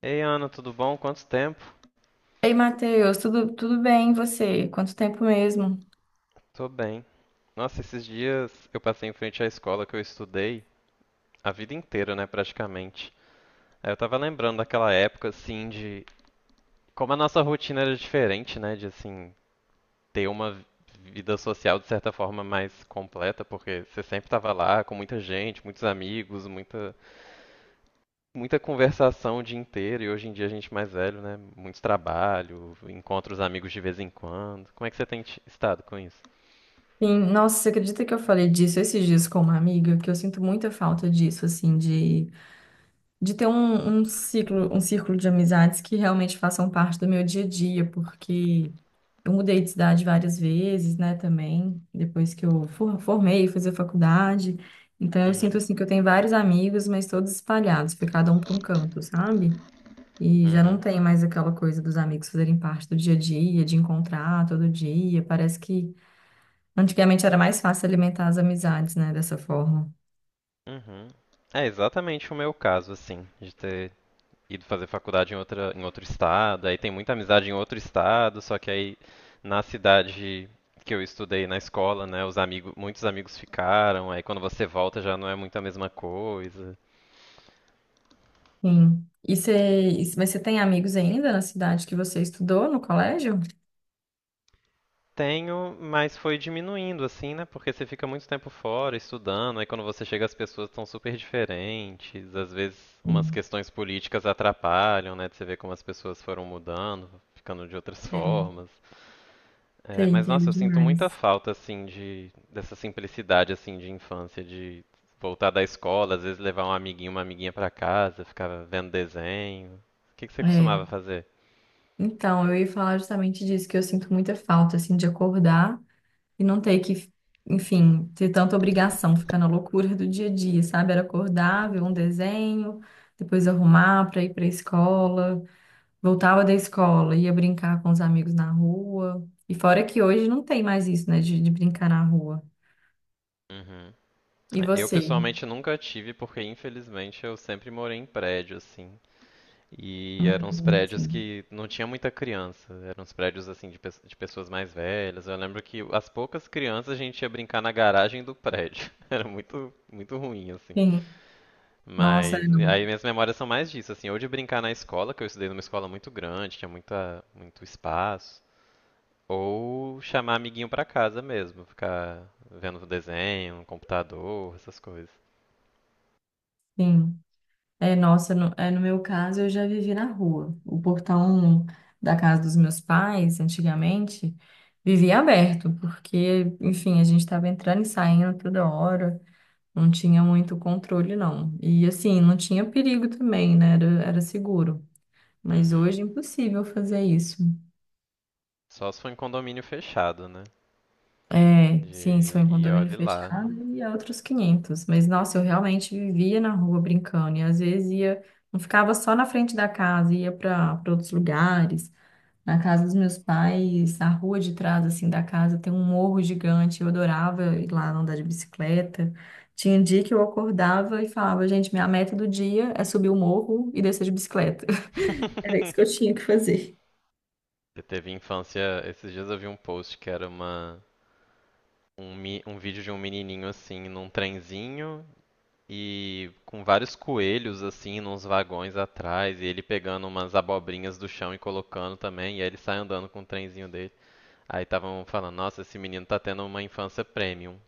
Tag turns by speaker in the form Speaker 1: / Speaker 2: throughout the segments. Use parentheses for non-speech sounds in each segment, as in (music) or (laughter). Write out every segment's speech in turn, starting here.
Speaker 1: Ei, Ana, tudo bom? Quanto tempo?
Speaker 2: Ei, Matheus, tudo bem? E você? Quanto tempo mesmo?
Speaker 1: Tô bem. Nossa, esses dias eu passei em frente à escola que eu estudei a vida inteira, né, praticamente. Aí eu tava lembrando daquela época, assim, de como a nossa rotina era diferente, né, de, assim, ter uma vida social de certa forma mais completa, porque você sempre tava lá com muita gente, muitos amigos, muita, muita conversação o dia inteiro, e hoje em dia a gente mais velho, né, muito trabalho, encontra os amigos de vez em quando. Como é que você tem estado com isso?
Speaker 2: Sim, nossa, você acredita que eu falei disso esses dias com uma amiga? Que eu sinto muita falta disso, assim, de ter um ciclo, um círculo de amizades que realmente façam parte do meu dia a dia, porque eu mudei de cidade várias vezes, né, também, depois que eu formei, fui fazer faculdade. Então eu sinto,
Speaker 1: Uhum.
Speaker 2: assim, que eu tenho vários amigos, mas todos espalhados, foi cada um para um canto, sabe? E já não
Speaker 1: Uhum.
Speaker 2: tem mais aquela coisa dos amigos fazerem parte do dia a dia, de encontrar todo dia. Parece que antigamente era mais fácil alimentar as amizades, né, dessa forma.
Speaker 1: Uhum. É exatamente o meu caso, assim, de ter ido fazer faculdade em outro estado, aí tem muita amizade em outro estado, só que aí na cidade que eu estudei na escola, né, os amigos, muitos amigos ficaram, aí quando você volta já não é muito a mesma coisa.
Speaker 2: Sim. E você, mas você tem amigos ainda na cidade que você estudou no colégio?
Speaker 1: Tenho, mas foi diminuindo, assim, né, porque você fica muito tempo fora estudando, aí quando você chega as pessoas estão super diferentes, às vezes umas
Speaker 2: Sim.
Speaker 1: questões políticas atrapalham, né, de você ver como as pessoas foram mudando, ficando de outras
Speaker 2: Tem,
Speaker 1: formas. É,
Speaker 2: tem,
Speaker 1: mas
Speaker 2: entendo
Speaker 1: nossa, eu sinto muita
Speaker 2: demais.
Speaker 1: falta assim de dessa simplicidade assim de infância, de voltar da escola, às vezes levar um amiguinho, uma amiguinha pra casa, ficar vendo desenho. O que que você
Speaker 2: É.
Speaker 1: costumava fazer?
Speaker 2: Então, eu ia falar justamente disso, que eu sinto muita falta, assim, de acordar. E não ter que, enfim, ter tanta obrigação, ficar na loucura do dia a dia, sabe? Era acordar, ver um desenho, depois arrumar para ir para a escola, voltava da escola, ia brincar com os amigos na rua. E fora que hoje não tem mais isso, né, de brincar na rua.
Speaker 1: Uhum.
Speaker 2: E
Speaker 1: É, eu
Speaker 2: você?
Speaker 1: pessoalmente nunca tive, porque infelizmente eu sempre morei em prédio assim. E eram uns prédios
Speaker 2: Sim.
Speaker 1: que não tinha muita criança, eram uns prédios assim de pessoas mais velhas. Eu lembro que as poucas crianças a gente ia brincar na garagem do prédio. (laughs) Era muito muito ruim assim.
Speaker 2: Sim. Nossa,
Speaker 1: Mas aí minhas memórias são mais disso, assim, ou de brincar na escola, que eu estudei numa escola muito grande, tinha muita, muito espaço, ou chamar amiguinho pra casa mesmo, ficar vendo desenho, no computador, essas coisas.
Speaker 2: sim. É, nossa, no meu caso, eu já vivi na rua. O portão da casa dos meus pais, antigamente, vivia aberto, porque, enfim, a gente estava entrando e saindo toda hora, não tinha muito controle, não. E, assim, não tinha perigo também, né? Era seguro. Mas
Speaker 1: Uhum.
Speaker 2: hoje é impossível fazer isso.
Speaker 1: Só se for em condomínio fechado, né?
Speaker 2: É, sim, se for em
Speaker 1: E
Speaker 2: condomínio
Speaker 1: olhe lá.
Speaker 2: fechado, e é outros quinhentos. Mas, nossa, eu realmente vivia na rua brincando, e às vezes ia. Não ficava só na frente da casa, ia para outros lugares. Na casa dos meus pais, a rua de trás, assim, da casa tem um morro gigante. Eu adorava ir lá andar de bicicleta. Tinha um dia que eu acordava e falava, gente, minha meta do dia é subir o morro e descer de bicicleta. (laughs) Era isso que eu
Speaker 1: (laughs)
Speaker 2: tinha que fazer.
Speaker 1: Você teve infância. Esses dias eu vi um post que era um vídeo de um menininho assim, num trenzinho, e com vários coelhos assim nos vagões atrás, e ele pegando umas abobrinhas do chão e colocando também, e aí ele sai andando com o trenzinho dele. Aí estavam falando, nossa, esse menino tá tendo uma infância premium.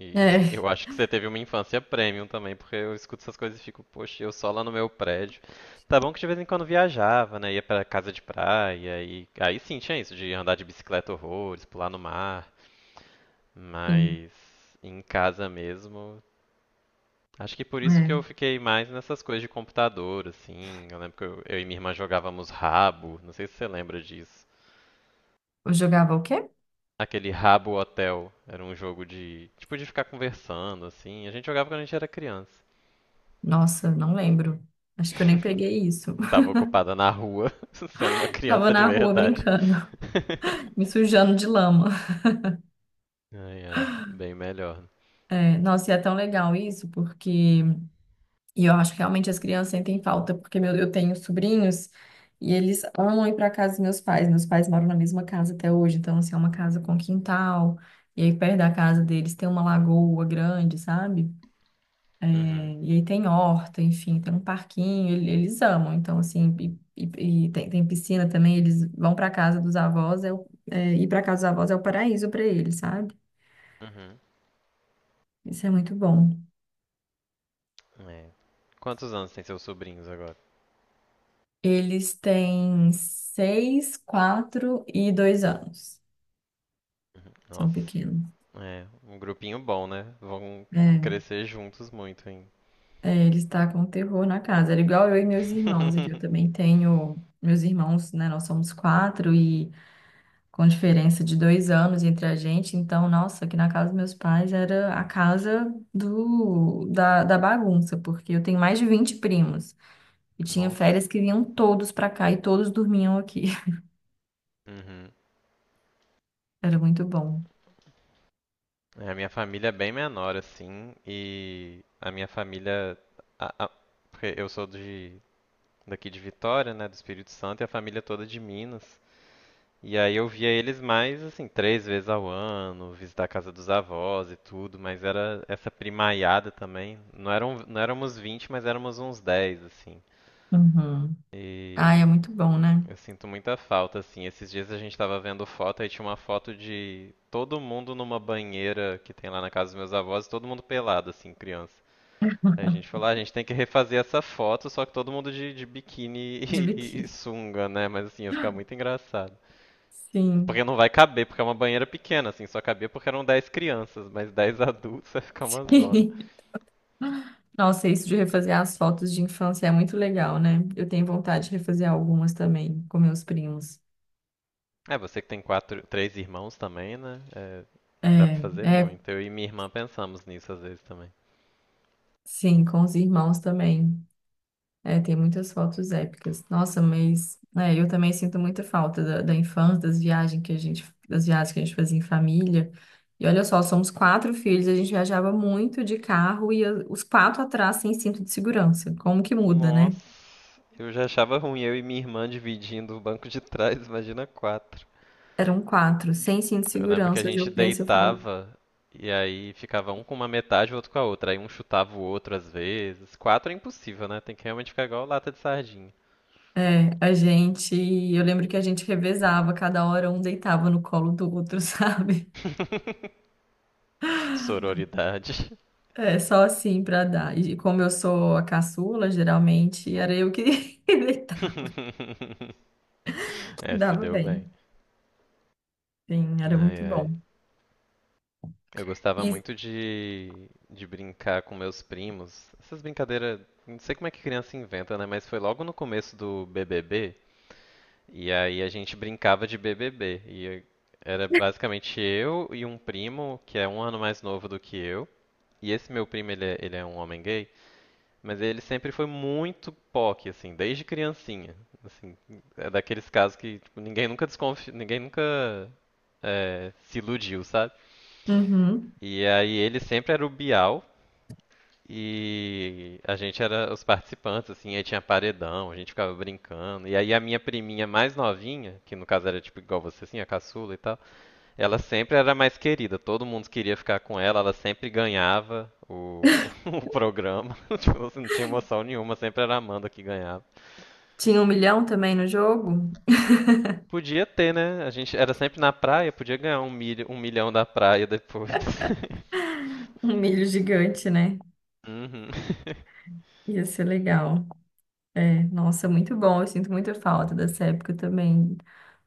Speaker 1: E (laughs) eu
Speaker 2: É,
Speaker 1: acho que você teve uma infância premium também, porque eu escuto essas coisas e fico, poxa, eu só lá no meu prédio. Tá bom que de vez em quando viajava, né? Ia pra casa de praia, e aí sim tinha isso, de andar de bicicleta horrores, pular no mar,
Speaker 2: sim.
Speaker 1: mas em casa mesmo acho que por isso que eu
Speaker 2: É.
Speaker 1: fiquei mais nessas coisas de computador, assim. Eu lembro que eu e minha irmã jogávamos rabo, não sei se você lembra disso.
Speaker 2: Eu jogava o quê?
Speaker 1: Aquele Rabo Hotel era um jogo de, tipo, de ficar conversando, assim. A gente jogava quando a gente era criança.
Speaker 2: Nossa, não lembro. Acho que eu nem peguei isso.
Speaker 1: (laughs) Tava ocupada na rua, (laughs) sendo uma
Speaker 2: (laughs) Tava
Speaker 1: criança de
Speaker 2: na rua
Speaker 1: verdade.
Speaker 2: brincando, (laughs) me
Speaker 1: (laughs)
Speaker 2: sujando de lama.
Speaker 1: Ai, ai, bem melhor.
Speaker 2: É, nossa, e é tão legal isso, porque e eu acho que realmente as crianças sentem falta, porque meu, eu tenho sobrinhos e eles amam ir para casa dos meus pais. Meus pais moram na mesma casa até hoje, então assim, é uma casa com quintal. E aí perto da casa deles tem uma lagoa grande, sabe?
Speaker 1: Uhum,
Speaker 2: É, e aí tem horta, enfim, tem um parquinho, eles amam. Então assim, e tem, tem piscina também, eles vão para casa dos avós, ir para casa dos avós é o paraíso para eles, sabe?
Speaker 1: uhum,
Speaker 2: Isso é muito bom.
Speaker 1: é. Quantos anos tem seus sobrinhos agora?
Speaker 2: Eles têm 6, 4 e 2 anos.
Speaker 1: Uhum.
Speaker 2: São
Speaker 1: Nossa,
Speaker 2: pequenos.
Speaker 1: é, um grupinho bom, né? Vão
Speaker 2: É,
Speaker 1: crescer juntos muito, hein?
Speaker 2: ele está com terror na casa. Era igual eu e meus irmãos aqui. Eu
Speaker 1: (laughs)
Speaker 2: também tenho meus irmãos, né? Nós somos quatro e com diferença de 2 anos entre a gente. Então, nossa, aqui na casa dos meus pais era a casa da bagunça, porque eu tenho mais de 20 primos e tinha férias
Speaker 1: Nossa.
Speaker 2: que vinham todos para cá e todos dormiam aqui. (laughs)
Speaker 1: Uhum.
Speaker 2: Era muito bom.
Speaker 1: É, a minha família é bem menor, assim, e a minha família. a- a- Porque eu sou de, daqui de Vitória, né, do Espírito Santo, e a família é toda de Minas. E aí eu via eles mais, assim, três vezes ao ano, visitar a casa dos avós e tudo, mas era essa primaiada também. Não eram, não éramos 20, mas éramos uns 10 assim.
Speaker 2: Uhum. Ai, é
Speaker 1: E
Speaker 2: muito bom, né?
Speaker 1: eu sinto muita falta, assim. Esses dias a gente tava vendo foto e tinha uma foto de todo mundo numa banheira que tem lá na casa dos meus avós, todo mundo pelado, assim, criança. Aí a gente falou, ah, a gente tem que refazer essa foto, só que todo mundo de biquíni (laughs)
Speaker 2: Tive
Speaker 1: e
Speaker 2: que.
Speaker 1: sunga, né? Mas assim, ia ficar muito engraçado.
Speaker 2: Sim.
Speaker 1: Porque não vai caber, porque é uma banheira pequena, assim, só cabia porque eram 10 crianças, mas 10 (laughs) adultos vai ficar uma
Speaker 2: (laughs)
Speaker 1: zona.
Speaker 2: Sim. Nossa, isso de refazer as fotos de infância é muito legal, né? Eu tenho vontade de refazer algumas também com meus primos.
Speaker 1: É, você que tem três irmãos também, né? É, dá pra
Speaker 2: É,
Speaker 1: fazer
Speaker 2: é,
Speaker 1: muito. Eu e minha irmã pensamos nisso às vezes também.
Speaker 2: sim, com os irmãos também. É, tem muitas fotos épicas. Nossa, mas é, eu também sinto muita falta da infância, das viagens que a gente fazia em família. E olha só, somos quatro filhos, a gente viajava muito de carro e os quatro atrás sem cinto de segurança. Como que muda, né?
Speaker 1: Nossa, eu já achava ruim eu e minha irmã dividindo o banco de trás, imagina quatro.
Speaker 2: Eram quatro, sem cinto de
Speaker 1: Eu lembro que a
Speaker 2: segurança. Hoje eu
Speaker 1: gente
Speaker 2: penso, eu falo,
Speaker 1: deitava e aí ficava um com uma metade e o outro com a outra. Aí um chutava o outro às vezes. Quatro é impossível, né? Tem que realmente ficar igual lata de sardinha.
Speaker 2: é, a gente. Eu lembro que a gente revezava, cada hora um deitava no colo do outro, (laughs) sabe? É, só assim pra dar. E como eu sou a caçula, geralmente era eu que (laughs) deitava.
Speaker 1: (laughs)
Speaker 2: Dava
Speaker 1: Tudo
Speaker 2: bem.
Speaker 1: bem.
Speaker 2: Sim, era
Speaker 1: Ai,
Speaker 2: muito
Speaker 1: ai.
Speaker 2: bom.
Speaker 1: Eu gostava
Speaker 2: E
Speaker 1: muito de brincar com meus primos. Essas brincadeiras, não sei como é que criança inventa, né? Mas foi logo no começo do BBB, e aí a gente brincava de BBB. E era basicamente eu e um primo, que é um ano mais novo do que eu. E esse meu primo, ele é um homem gay, mas ele sempre foi muito POC, assim, desde criancinha. Assim, é daqueles casos que tipo, ninguém nunca desconfia, ninguém nunca se iludiu, sabe?
Speaker 2: uhum.
Speaker 1: E aí ele sempre era o Bial, e a gente era os participantes, assim, aí tinha paredão, a gente ficava brincando. E aí a minha priminha mais novinha, que no caso era tipo igual você, assim, a caçula e tal, ela sempre era mais querida, todo mundo queria ficar com ela, ela sempre ganhava o, (laughs) o programa. (laughs) Tipo, assim, não tinha emoção nenhuma, sempre era a Amanda que ganhava.
Speaker 2: Tinha 1 milhão também no jogo?
Speaker 1: Podia ter, né? A gente era sempre na praia, podia ganhar um milhão da praia depois. (laughs)
Speaker 2: Um milho gigante, né?
Speaker 1: Uhum. (laughs)
Speaker 2: Ia ser legal. É, nossa, muito bom. Eu sinto muita falta dessa época também.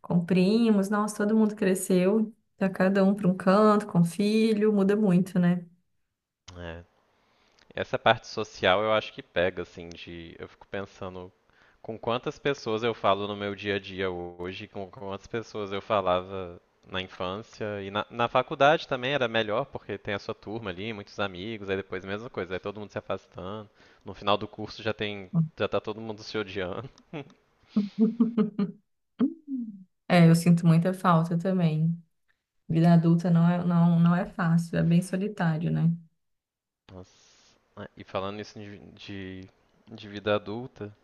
Speaker 2: Com primos, nossa, todo mundo cresceu. Tá cada um para um canto, com filho, muda muito, né?
Speaker 1: É, essa parte social eu acho que pega, assim, de. Eu fico pensando com quantas pessoas eu falo no meu dia a dia hoje, com quantas pessoas eu falava na infância. E na faculdade também era melhor, porque tem a sua turma ali, muitos amigos, aí depois a mesma coisa, aí todo mundo se afastando. No final do curso já tem. Já tá todo mundo se odiando.
Speaker 2: É, eu sinto muita falta também. Vida adulta não é fácil, é bem solitário, né?
Speaker 1: Nossa. Ah, e falando isso de vida adulta,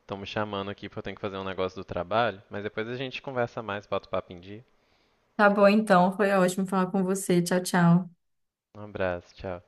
Speaker 1: estão me chamando aqui porque eu tenho que fazer um negócio do trabalho, mas depois a gente conversa mais, bota o papo em dia.
Speaker 2: Tá bom, então, foi ótimo falar com você. Tchau, tchau.
Speaker 1: Um abraço, tchau.